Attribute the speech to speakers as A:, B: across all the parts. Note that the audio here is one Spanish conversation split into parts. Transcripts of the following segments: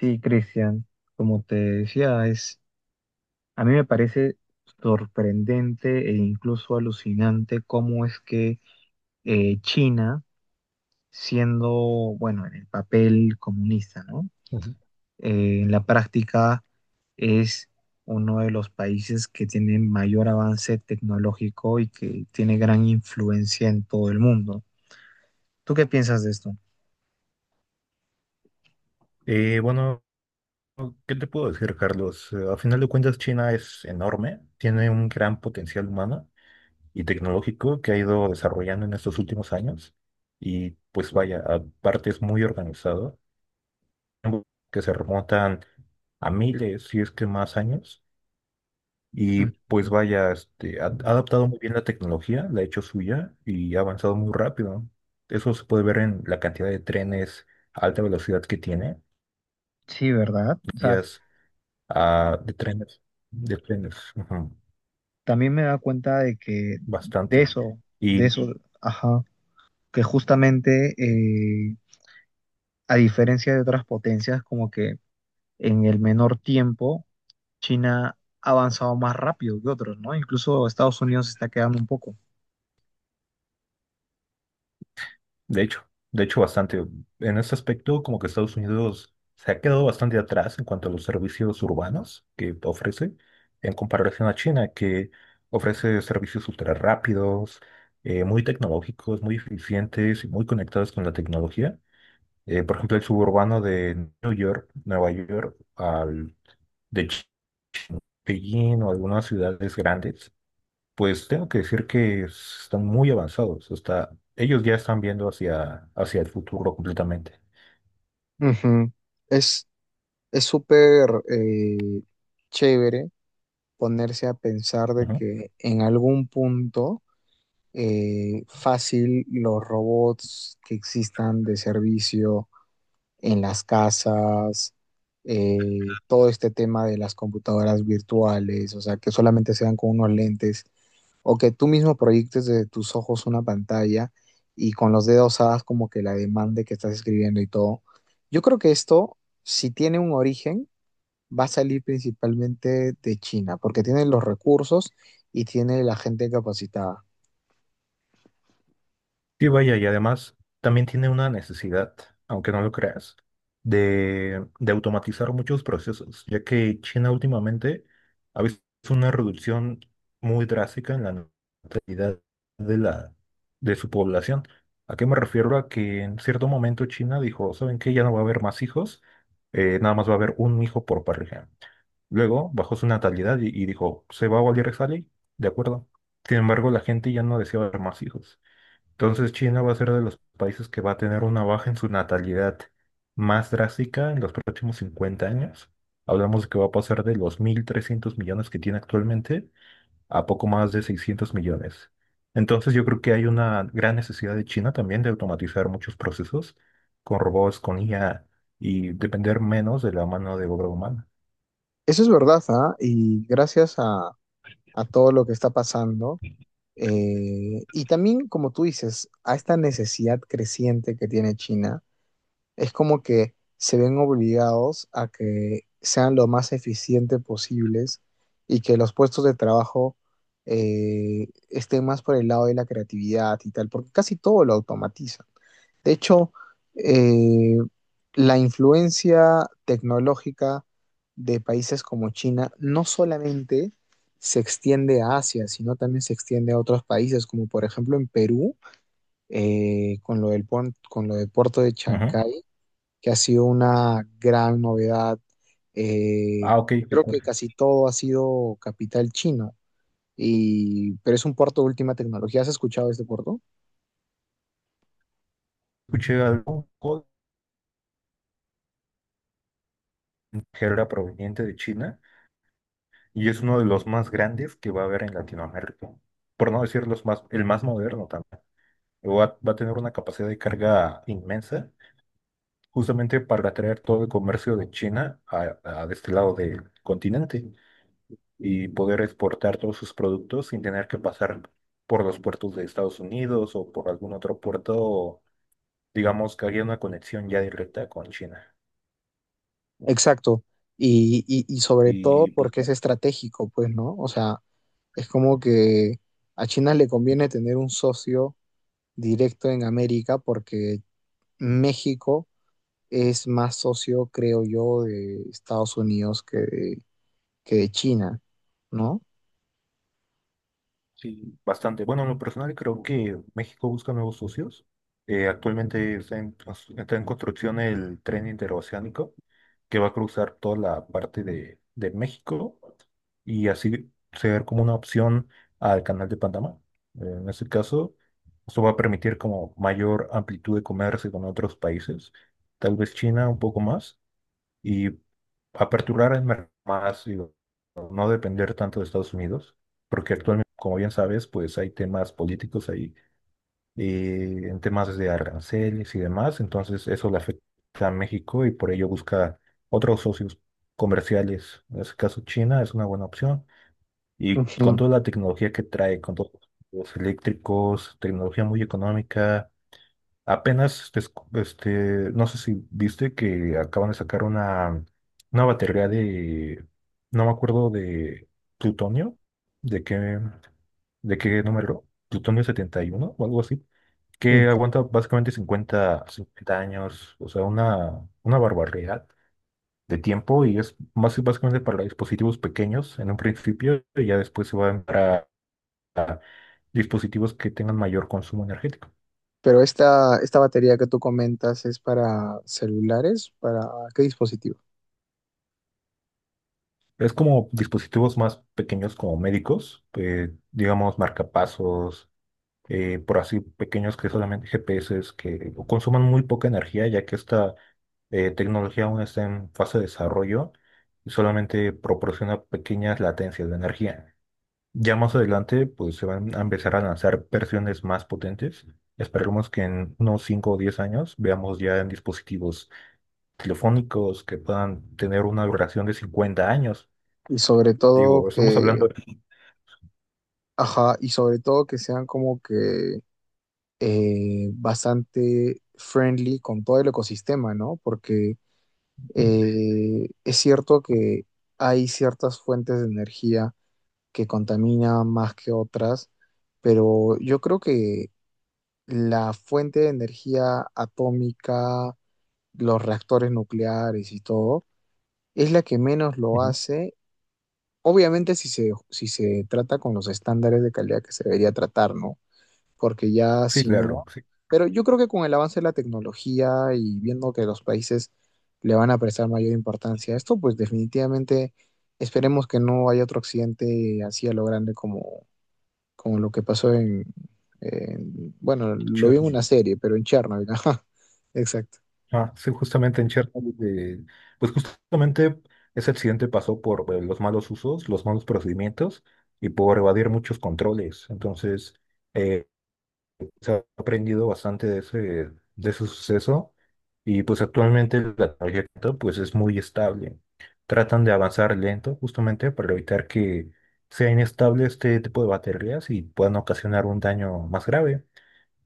A: Sí, Cristian, como te decía, es, a mí me parece sorprendente e incluso alucinante cómo es que China, siendo, bueno, en el papel comunista, ¿no?
B: Ujú.
A: En la práctica es uno de los países que tiene mayor avance tecnológico y que tiene gran influencia en todo el mundo. ¿Tú qué piensas de esto?
B: Eh, bueno, ¿Qué te puedo decir, Carlos? A final de cuentas, China es enorme, tiene un gran potencial humano y tecnológico que ha ido desarrollando en estos últimos años. Y pues vaya, aparte es muy organizado, que se remontan a miles, si es que más años. Y
A: Mm,
B: pues vaya, ha adaptado muy bien la tecnología, la ha hecho suya y ha avanzado muy rápido. Eso se puede ver en la cantidad de trenes a alta velocidad que tiene.
A: Sí, ¿verdad? O sea,
B: Vías. Ah, de trenes, ujú,
A: también me da cuenta de que de
B: bastante.
A: eso, de
B: Y
A: eso, ajá, que justamente a diferencia de otras potencias, como que en el menor tiempo China ha avanzado más rápido que otros, ¿no? Incluso Estados Unidos se está quedando un poco.
B: de hecho, de hecho bastante. En ese aspecto, como que Estados Unidos se ha quedado bastante atrás en cuanto a los servicios urbanos que ofrece, en comparación a China, que ofrece servicios ultra rápidos, muy tecnológicos, muy eficientes y muy conectados con la tecnología. Por ejemplo, el suburbano de New York, Nueva York, al de Ch- Beijing o algunas ciudades grandes. Pues tengo que decir que están muy avanzados. Está, ellos ya están viendo hacia el futuro completamente.
A: Ujú. Es, es súper chévere ponerse a pensar de
B: Ujú.
A: que en algún punto fácil los robots que existan de servicio en las casas, todo este tema de las computadoras virtuales, o sea, que solamente sean con unos lentes, o que tú mismo proyectes de tus ojos una pantalla y con los dedos hagas como que la demanda que estás escribiendo y todo. Yo creo que esto, si tiene un origen, va a salir principalmente de China, porque tiene los recursos y tiene la gente capacitada.
B: Sí, vaya, y además también tiene una necesidad, aunque no lo creas, de automatizar muchos procesos, ya que China últimamente ha visto una reducción muy drástica en la natalidad de la, de su población. ¿A qué me refiero? A que en cierto momento China dijo, ¿saben qué? Ya no va a haber más hijos, nada más va a haber un hijo por pareja. Luego bajó su natalidad y dijo, ¿se va a volver a salir? De acuerdo. Sin embargo, la gente ya no deseaba ver más hijos. Entonces China va a ser de los países que va a tener una baja en su natalidad más drástica en los próximos 50 años. Hablamos de que va a pasar de los 1.300 millones que tiene actualmente a poco más de 600 millones. Entonces yo creo que hay una gran necesidad de China también de automatizar muchos procesos con robots, con IA y depender menos de la mano de obra humana.
A: Eso es verdad, ¿ah? Y gracias a todo lo que está pasando. Y también, como tú dices, a esta necesidad creciente que tiene China, es como que se ven obligados a que sean lo más eficientes posibles y que los puestos de trabajo estén más por el lado de la creatividad y tal, porque casi todo lo automatiza. De hecho, eh, la influencia tecnológica de países como China no solamente se extiende a Asia, sino también se extiende a otros países, como por ejemplo en Perú, con lo del, con lo del puerto de Chancay, que ha sido una gran novedad. Eh,
B: Ah, ok, de
A: creo que
B: acuerdo.
A: casi todo ha sido capital chino, y, pero es un puerto de última tecnología. ¿Has escuchado de este puerto?
B: Escuché algo que era proveniente de China y es uno de los más grandes que va a haber en Latinoamérica. Por no decir los más, el más moderno también. Va a tener una capacidad de carga inmensa, justamente para atraer todo el comercio de China a de este lado del continente y poder exportar todos sus productos sin tener que pasar por los puertos de Estados Unidos o por algún otro puerto, digamos que haya una conexión ya directa con China.
A: Exacto. Y sobre todo
B: Y pues.
A: porque es estratégico, pues, ¿no? O sea, es como que a China le conviene tener un socio directo en América porque México es más socio, creo yo, de Estados Unidos que de China, ¿no?
B: Sí, bastante. Bueno, en lo personal creo que México busca nuevos socios. Actualmente está está en construcción el tren interoceánico que va a cruzar toda la parte de México y así ser como una opción al canal de Panamá. En este caso, esto va a permitir como mayor amplitud de comercio con otros países, tal vez China un poco más y aperturar el mercado más, digo, no depender tanto de Estados Unidos, porque actualmente, como bien sabes, pues hay temas políticos ahí, en temas de aranceles y demás, entonces eso le afecta a México y por ello busca otros socios comerciales. En este caso, China es una buena opción y con
A: Ujú.
B: toda la tecnología que trae, con todos los eléctricos, tecnología muy económica. Apenas, des- este, no sé si viste que acaban de sacar una batería de, no me acuerdo, de plutonio, de qué, de qué número, plutonio 71 o algo así,
A: Ujú.
B: que aguanta básicamente 50 50 años, o sea, una barbaridad de tiempo y es más básicamente para dispositivos pequeños en un principio y ya después se va a entrar dispositivos que tengan mayor consumo energético.
A: Pero esta batería que tú comentas es para celulares, ¿para qué dispositivo?
B: Es como dispositivos más pequeños como médicos, digamos marcapasos, por así pequeños que solamente GPS que consuman muy poca energía ya que esta, tecnología aún está en fase de desarrollo y solamente proporciona pequeñas latencias de energía. Ya más adelante pues se van a empezar a lanzar versiones más potentes. Esperemos que en unos 5 o 10 años veamos ya en dispositivos telefónicos que puedan tener una duración de 50 años.
A: Y sobre todo
B: Digo, estamos hablando.
A: que, ajá, y sobre todo que sean como que bastante friendly con todo el ecosistema, ¿no? Porque es cierto que hay ciertas fuentes de energía que contaminan más que otras, pero yo creo que la fuente de energía atómica, los reactores nucleares y todo, es la que menos lo
B: Ujú.
A: hace. Obviamente si se trata con los estándares de calidad que se debería tratar, ¿no? Porque ya
B: Sí,
A: si no,
B: claro, sí.
A: pero yo creo que con el avance de la tecnología y viendo que los países le van a prestar mayor importancia a esto, pues definitivamente esperemos que no haya otro accidente así a lo grande como, como lo que pasó en- bueno, lo vi en una
B: Chernobyl.
A: serie, pero en Chernobyl, ajá, exacto.
B: Ah, sí, justamente en Chernobyl, pues justamente ese accidente pasó por los malos usos, los malos procedimientos y por evadir muchos controles. Entonces, eh, se ha aprendido bastante de ese suceso y pues actualmente la tarjeta pues es muy estable. Tratan de avanzar lento justamente para evitar que sea inestable este tipo de baterías y puedan ocasionar un daño más grave.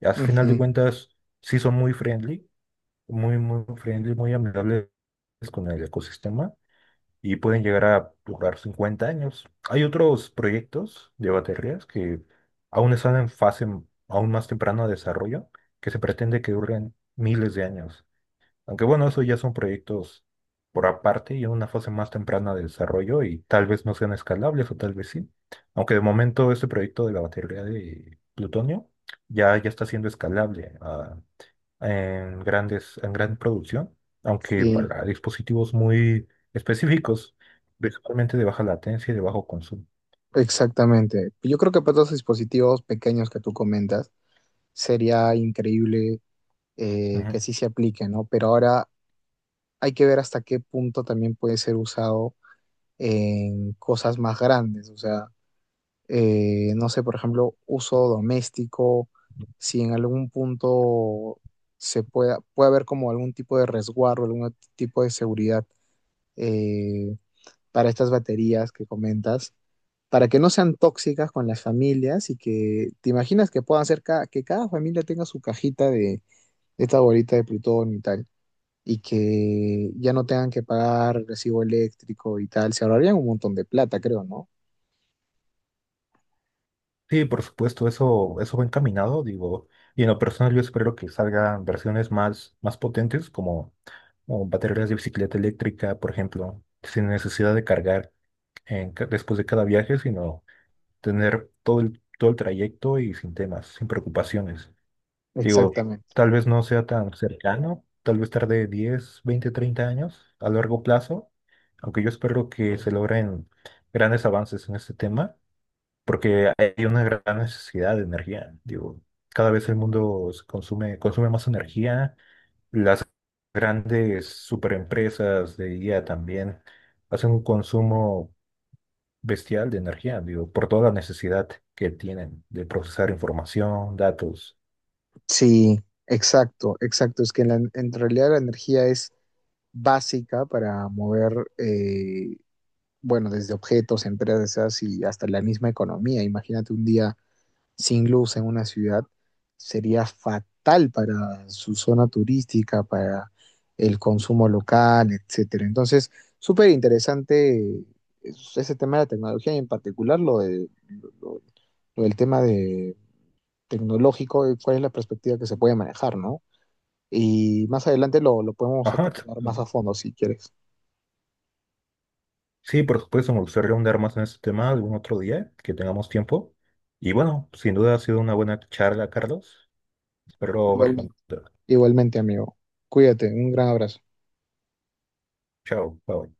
B: Al final de
A: Ujú.
B: cuentas, sí son muy friendly, muy friendly, muy amigables con el ecosistema y pueden llegar a durar 50 años. Hay otros proyectos de baterías que aún están en fase m- aún más temprana de desarrollo, que se pretende que duren miles de años. Aunque bueno, eso ya son proyectos por aparte y en una fase más temprana de desarrollo y tal vez no sean escalables o tal vez sí. Aunque de momento este proyecto de la batería de plutonio ya está siendo escalable, ah, en gran producción, aunque
A: Sí,
B: para dispositivos muy específicos, principalmente de baja latencia y de bajo consumo.
A: exactamente. Yo creo que para todos los dispositivos pequeños que tú comentas, sería increíble
B: Ujú.
A: que sí se aplique, ¿no? Pero ahora hay que ver hasta qué punto también puede ser usado en cosas más grandes. O sea, no sé, por ejemplo, uso doméstico, si en algún punto puede haber como algún tipo de resguardo, algún tipo de seguridad eh, para estas baterías que comentas, para que no sean tóxicas con las familias y que te imaginas que puedan ser que cada familia tenga su cajita de esta bolita de plutonio y tal y que ya no tengan que pagar recibo eléctrico y tal, se ahorrarían un montón de plata, creo, ¿no?
B: Sí, por supuesto, eso va encaminado, digo, y en lo personal yo espero que salgan versiones más potentes como o baterías de bicicleta eléctrica, por ejemplo, sin necesidad de cargar después de cada viaje, sino tener todo el trayecto y sin temas, sin preocupaciones. Digo,
A: Exactamente.
B: tal vez no sea tan cercano, tal vez tarde 10, 20, 30 años a largo plazo, aunque yo espero que se logren grandes avances en este tema, porque hay una gran necesidad de energía. Digo, cada vez el mundo se consume más energía, las grandes superempresas de IA también hacen un consumo bestial de energía, digo, por toda la necesidad que tienen de procesar información, datos.
A: Sí, exacto, exacto. Es que en realidad la energía es básica para mover, eh, bueno, desde objetos, empresas y hasta la misma economía. Imagínate un día sin luz en una ciudad sería fatal para su zona turística, para el consumo local, etcétera. Entonces, súper interesante ese tema de la tecnología y en particular lo- lo del tema de tecnológico, cuál es la perspectiva que se puede manejar, ¿no? Y más adelante lo podemos hasta
B: Ajá, t-
A: tocar más a fondo si quieres.
B: sí, por supuesto, me gustaría ahondar más en este tema algún otro día que tengamos tiempo. Y bueno, sin duda ha sido una buena charla, Carlos. Espero
A: Igual-
B: verlo.
A: Igualmente, amigo. Cuídate, un gran abrazo.
B: Chao, bye.